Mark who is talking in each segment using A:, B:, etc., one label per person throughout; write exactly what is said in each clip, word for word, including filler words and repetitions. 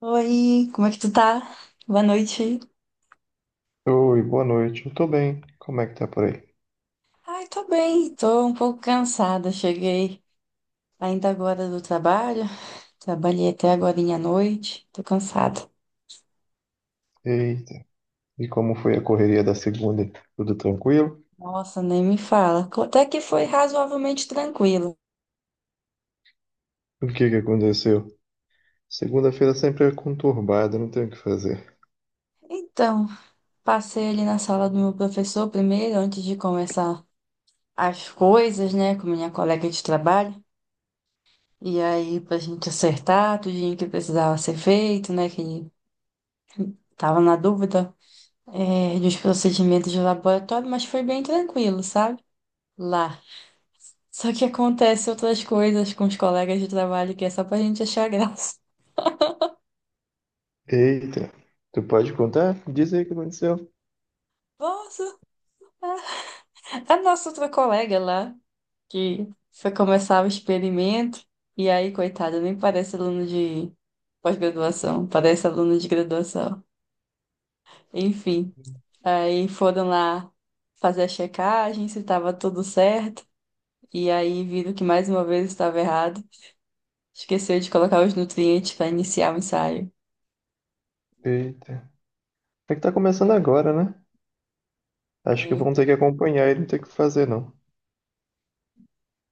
A: Oi, como é que tu tá? Boa noite.
B: Oi, boa noite. Eu tô bem. Como é que tá por aí?
A: Ai, tô bem, tô um pouco cansada. Cheguei ainda agora do trabalho, trabalhei até agora à noite, tô cansada.
B: Eita, e como foi a correria da segunda? Tudo tranquilo?
A: Nossa, nem me fala. Até que foi razoavelmente tranquilo.
B: O que que aconteceu? Segunda-feira sempre é conturbada, não tem o que fazer.
A: Então, passei ali na sala do meu professor primeiro, antes de começar as coisas, né, com minha colega de trabalho. E aí, pra gente acertar tudinho que precisava ser feito, né, que tava na dúvida. É, dos procedimentos de laboratório, mas foi bem tranquilo, sabe? Lá. Só que acontece outras coisas com os colegas de trabalho que é só pra gente achar graça.
B: Eita, tu pode contar? Diz aí o que aconteceu.
A: Nossa, a nossa outra colega lá, que foi começar o experimento, e aí, coitada, nem parece aluno de pós-graduação, parece aluno de graduação. Enfim, aí foram lá fazer a checagem, se estava tudo certo, e aí viram que mais uma vez estava errado. Esqueceu de colocar os nutrientes para iniciar o ensaio.
B: Eita, é que tá começando agora, né? Acho que
A: É,
B: vão ter que acompanhar e não tem o que fazer, não.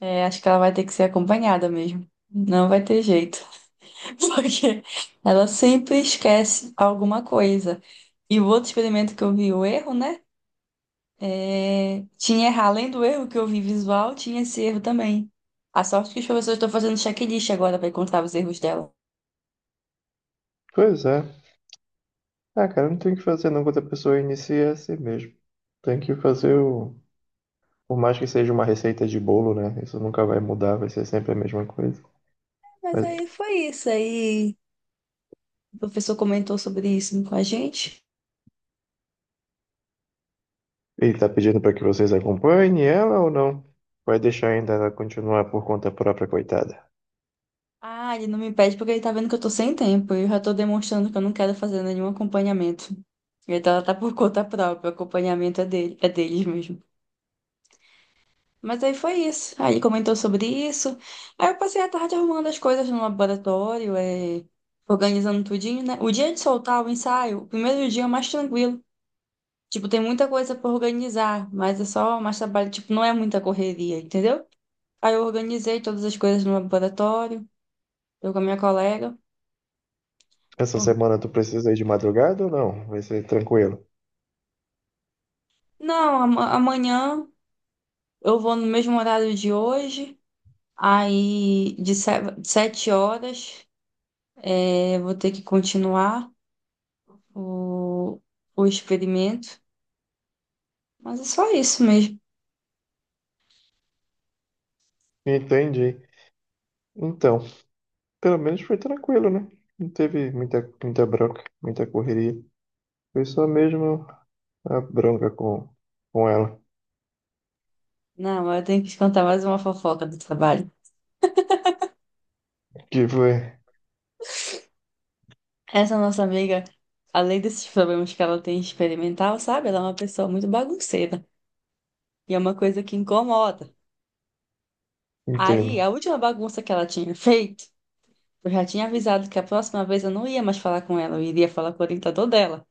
A: é, acho que ela vai ter que ser acompanhada mesmo. Não vai ter jeito, porque ela sempre esquece alguma coisa. E o outro experimento que eu vi, o erro, né? É, tinha errar, além do erro que eu vi visual, tinha esse erro também. A sorte que os professores estão fazendo checklist agora para encontrar os erros dela.
B: Pois é. Ah, cara, não tem o que fazer, não. Quando a pessoa inicia, é assim mesmo. Tem que fazer o... Por mais que seja uma receita de bolo, né? Isso nunca vai mudar, vai ser sempre a mesma coisa.
A: Mas
B: Mas
A: aí foi isso. Aí o professor comentou sobre isso com a gente.
B: ele tá pedindo para que vocês acompanhem ela ou não? Vai deixar ainda ela continuar por conta própria, coitada.
A: Ah, ele não me pede porque ele tá vendo que eu tô sem tempo e eu já tô demonstrando que eu não quero fazer nenhum acompanhamento. Então ela tá por conta própria, o acompanhamento é dele, é deles mesmo. Mas aí foi isso. Aí ele comentou sobre isso. Aí eu passei a tarde arrumando as coisas no laboratório, é, organizando tudinho, né? O dia de soltar o ensaio, o primeiro dia é mais tranquilo. Tipo, tem muita coisa pra organizar, mas é só mais trabalho. Tipo, não é muita correria, entendeu? Aí eu organizei todas as coisas no laboratório, eu com a minha colega.
B: Essa semana tu precisa ir de madrugada ou não? Vai ser tranquilo.
A: Não, ama- amanhã eu vou no mesmo horário de hoje. Aí, de se- sete horas, é, vou ter que continuar o, o experimento. Mas é só isso mesmo.
B: Entendi. Então, pelo menos foi tranquilo, né? Não teve muita, muita bronca, muita correria. Foi só mesmo a bronca com, com ela.
A: Não, eu tenho que te contar mais uma fofoca do trabalho.
B: Que foi.
A: Essa nossa amiga, além desses problemas que ela tem experimental, sabe? Ela é uma pessoa muito bagunceira. E é uma coisa que incomoda. Aí, a
B: Entendo.
A: última bagunça que ela tinha feito, eu já tinha avisado que a próxima vez eu não ia mais falar com ela, eu iria falar com o orientador dela.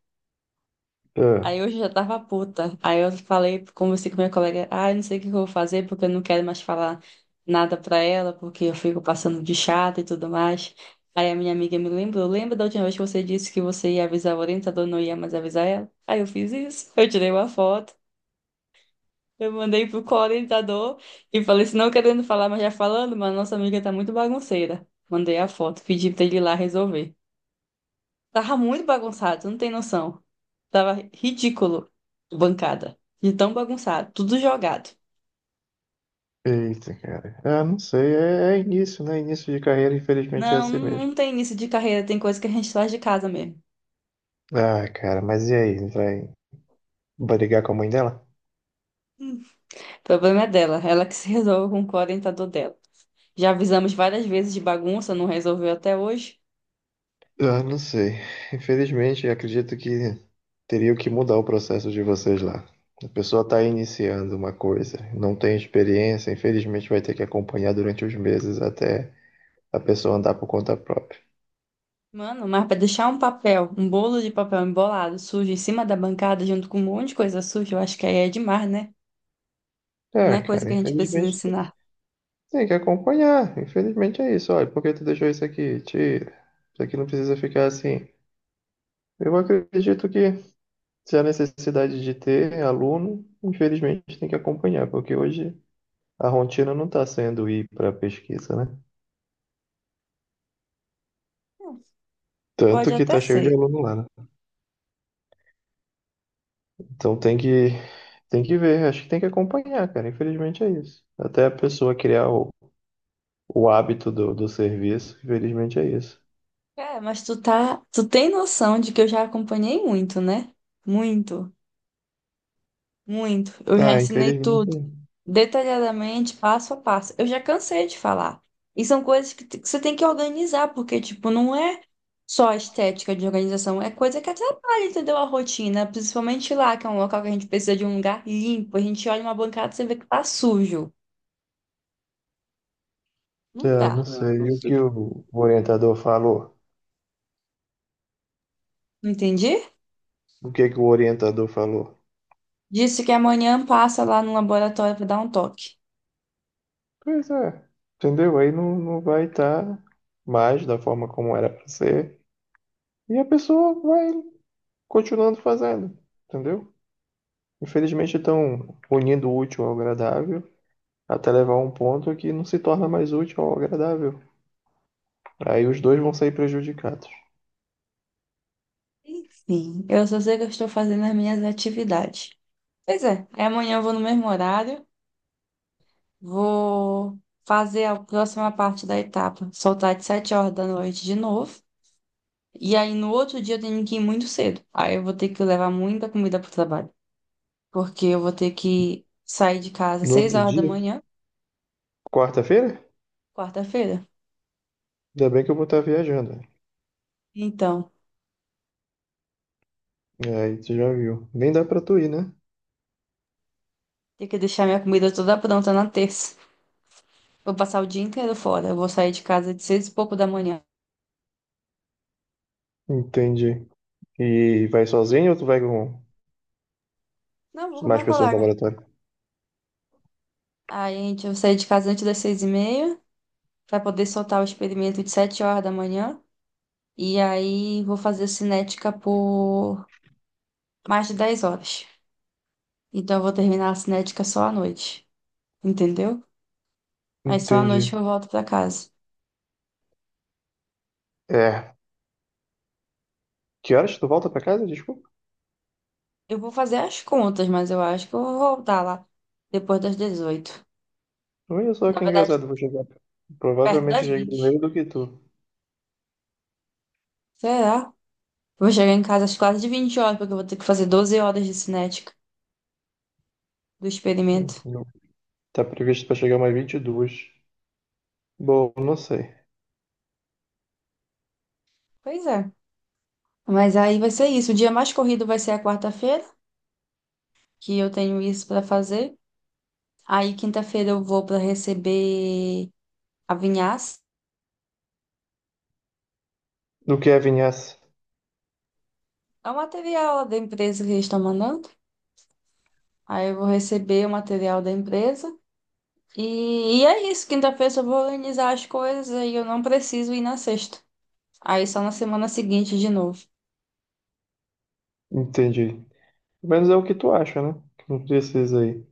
B: Ah,
A: Aí eu já tava puta. Aí eu falei, conversei com minha colega, ah, eu não sei o que eu vou fazer, porque eu não quero mais falar nada pra ela, porque eu fico passando de chata e tudo mais. Aí a minha amiga me lembrou, lembra da última vez que você disse que você ia avisar o orientador, não ia mais avisar ela? Aí eu fiz isso, eu tirei uma foto, eu mandei pro co-orientador e falei, se não querendo falar, mas já falando, mas nossa amiga tá muito bagunceira. Mandei a foto, pedi pra ele ir lá resolver. Tava muito bagunçado, tu não tem noção. Tava ridículo, bancada. De tão bagunçado, tudo jogado.
B: eita, cara. Ah, não sei. É, é início, né? Início de carreira, infelizmente é
A: Não,
B: assim mesmo.
A: não tem início de carreira, tem coisa que a gente faz de casa mesmo.
B: Ah, cara, mas e aí? Vai brigar com a mãe dela?
A: Hum. O problema é dela, ela que se resolve com o orientador dela. Já avisamos várias vezes de bagunça, não resolveu até hoje.
B: Ah, não sei. Infelizmente, acredito que teria que mudar o processo de vocês lá. A pessoa está iniciando uma coisa, não tem experiência, infelizmente vai ter que acompanhar durante os meses até a pessoa andar por conta própria.
A: Mano, mas pra deixar um papel, um bolo de papel embolado, sujo, em cima da bancada, junto com um monte de coisa suja, eu acho que aí é demais, né? Não
B: Ah,
A: é coisa que
B: cara,
A: a gente precisa
B: infelizmente tem
A: ensinar.
B: tem que acompanhar. Infelizmente é isso. Olha, por que tu deixou isso aqui? Tira. Isso aqui não precisa ficar assim. Eu acredito que se há necessidade de ter aluno, infelizmente tem que acompanhar, porque hoje. A rotina não está sendo ir para pesquisa, né?
A: Pode
B: Tanto que
A: até
B: tá cheio de
A: ser.
B: aluno lá, né? Então tem que tem que ver, acho que tem que acompanhar, cara. Infelizmente é isso. Até a pessoa criar o, o hábito do, do serviço, infelizmente é isso.
A: É, mas tu tá, tu tem noção de que eu já acompanhei muito, né? Muito, muito. Eu já
B: Ah,
A: ensinei tudo,
B: infelizmente.
A: detalhadamente, passo a passo. Eu já cansei de falar. E são coisas que, t- que você tem que organizar, porque, tipo, não é só a estética de organização, é coisa que atrapalha, entendeu? A rotina, principalmente lá, que é um local que a gente precisa de um lugar limpo. A gente olha uma bancada e você vê que tá sujo. Não
B: É,
A: dá.
B: não
A: Ah,
B: sei.
A: não
B: E o
A: sei.
B: que o orientador falou?
A: Entendi?
B: O que que o orientador falou?
A: Disse que amanhã passa lá no laboratório pra dar um toque.
B: Pois é, entendeu? Aí não, não vai estar mais da forma como era para ser. E a pessoa vai continuando fazendo, entendeu? Infelizmente estão unindo o útil ao agradável, até levar a um ponto que não se torna mais útil ao agradável. Aí os dois vão sair prejudicados.
A: Enfim, eu só sei que eu estou fazendo as minhas atividades. Pois é, aí amanhã eu vou no mesmo horário, vou fazer a próxima parte da etapa, soltar de sete horas da noite de novo. E aí no outro dia eu tenho que ir muito cedo. Aí eu vou ter que levar muita comida para o trabalho, porque eu vou ter que sair de casa às
B: No
A: seis
B: outro
A: horas da
B: dia,
A: manhã,
B: quarta-feira?
A: quarta-feira.
B: Ainda bem que eu vou estar viajando.
A: Então,
B: É, aí tu já viu. Nem dá pra tu ir, né?
A: tenho que deixar minha comida toda pronta na terça. Vou passar o dia inteiro fora. Eu vou sair de casa de seis e pouco da manhã.
B: Entendi. E vai sozinho ou tu vai com
A: Não, vou com
B: mais
A: minha
B: pessoas do
A: colega.
B: laboratório?
A: Aí a gente eu saí de casa antes das seis e meia para poder soltar o experimento de sete horas da manhã. E aí vou fazer cinética por mais de dez horas. Então eu vou terminar a cinética só à noite, entendeu? Aí só à noite que
B: Entendi.
A: eu volto para casa.
B: É. Que horas tu volta pra casa? Desculpa.
A: Eu vou fazer as contas, mas eu acho que eu vou voltar lá depois das dezoito.
B: Olha só
A: Na
B: que
A: verdade,
B: engraçado, eu vou chegar.
A: perto
B: Provavelmente
A: das
B: eu cheguei
A: vinte.
B: primeiro do que tu.
A: Será? Vou chegar em casa às quase de vinte horas, porque eu vou ter que fazer doze horas de cinética do experimento.
B: Não. Tá previsto pra chegar mais vinte e duas. Bom, não sei.
A: Pois é. Mas aí vai ser isso. O dia mais corrido vai ser a quarta-feira, que eu tenho isso para fazer. Aí quinta-feira eu vou para receber a vinhaça.
B: Do que é vinhaça.
A: É o material da empresa que eles estão mandando. Aí eu vou receber o material da empresa. E, e é isso. Quinta-feira eu só vou organizar as coisas e eu não preciso ir na sexta. Aí só na semana seguinte de novo.
B: Entendi. Pelo menos é o que tu acha, né? Que não precisa aí.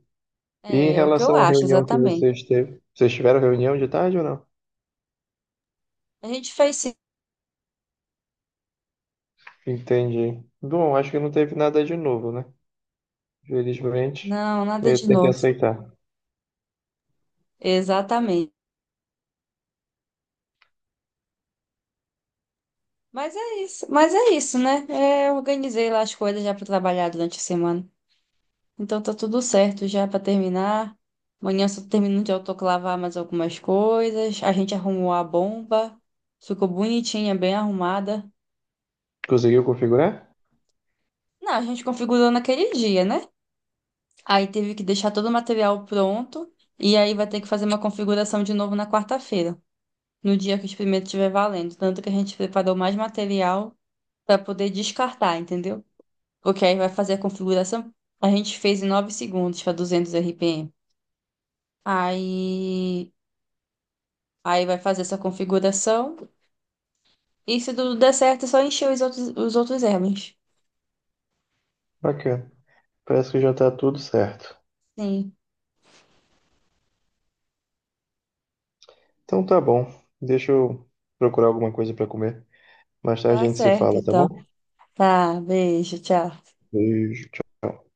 B: E em
A: É, é o que eu
B: relação à
A: acho,
B: reunião que
A: exatamente.
B: vocês teve, vocês tiveram reunião de tarde ou não?
A: A gente fez.
B: Entendi. Bom, acho que não teve nada de novo, né? Felizmente,
A: Não, nada
B: eh,
A: de
B: tem que
A: novo.
B: aceitar.
A: Exatamente. Mas é isso, mas é isso, né? É, eu organizei lá as coisas já para trabalhar durante a semana. Então tá tudo certo já para terminar. Amanhã eu só termino de autoclavar mais algumas coisas. A gente arrumou a bomba. Ficou bonitinha, bem arrumada.
B: Conseguiu configurar?
A: Não, a gente configurou naquele dia, né? Aí teve que deixar todo o material pronto. E aí vai ter que fazer uma configuração de novo na quarta-feira, no dia que o experimento estiver valendo. Tanto que a gente preparou mais material para poder descartar, entendeu? Porque aí vai fazer a configuração. A gente fez em nove segundos para duzentos R P M. Aí, aí vai fazer essa configuração. E se tudo der certo, é só encher os outros, os outros erros.
B: Bacana. Parece que já tá tudo certo.
A: Sim,
B: Então tá bom. Deixa eu procurar alguma coisa para comer. Mais tarde a
A: tá
B: gente se
A: certo
B: fala, tá bom?
A: então. Tá, beijo, tchau.
B: Beijo. Tchau.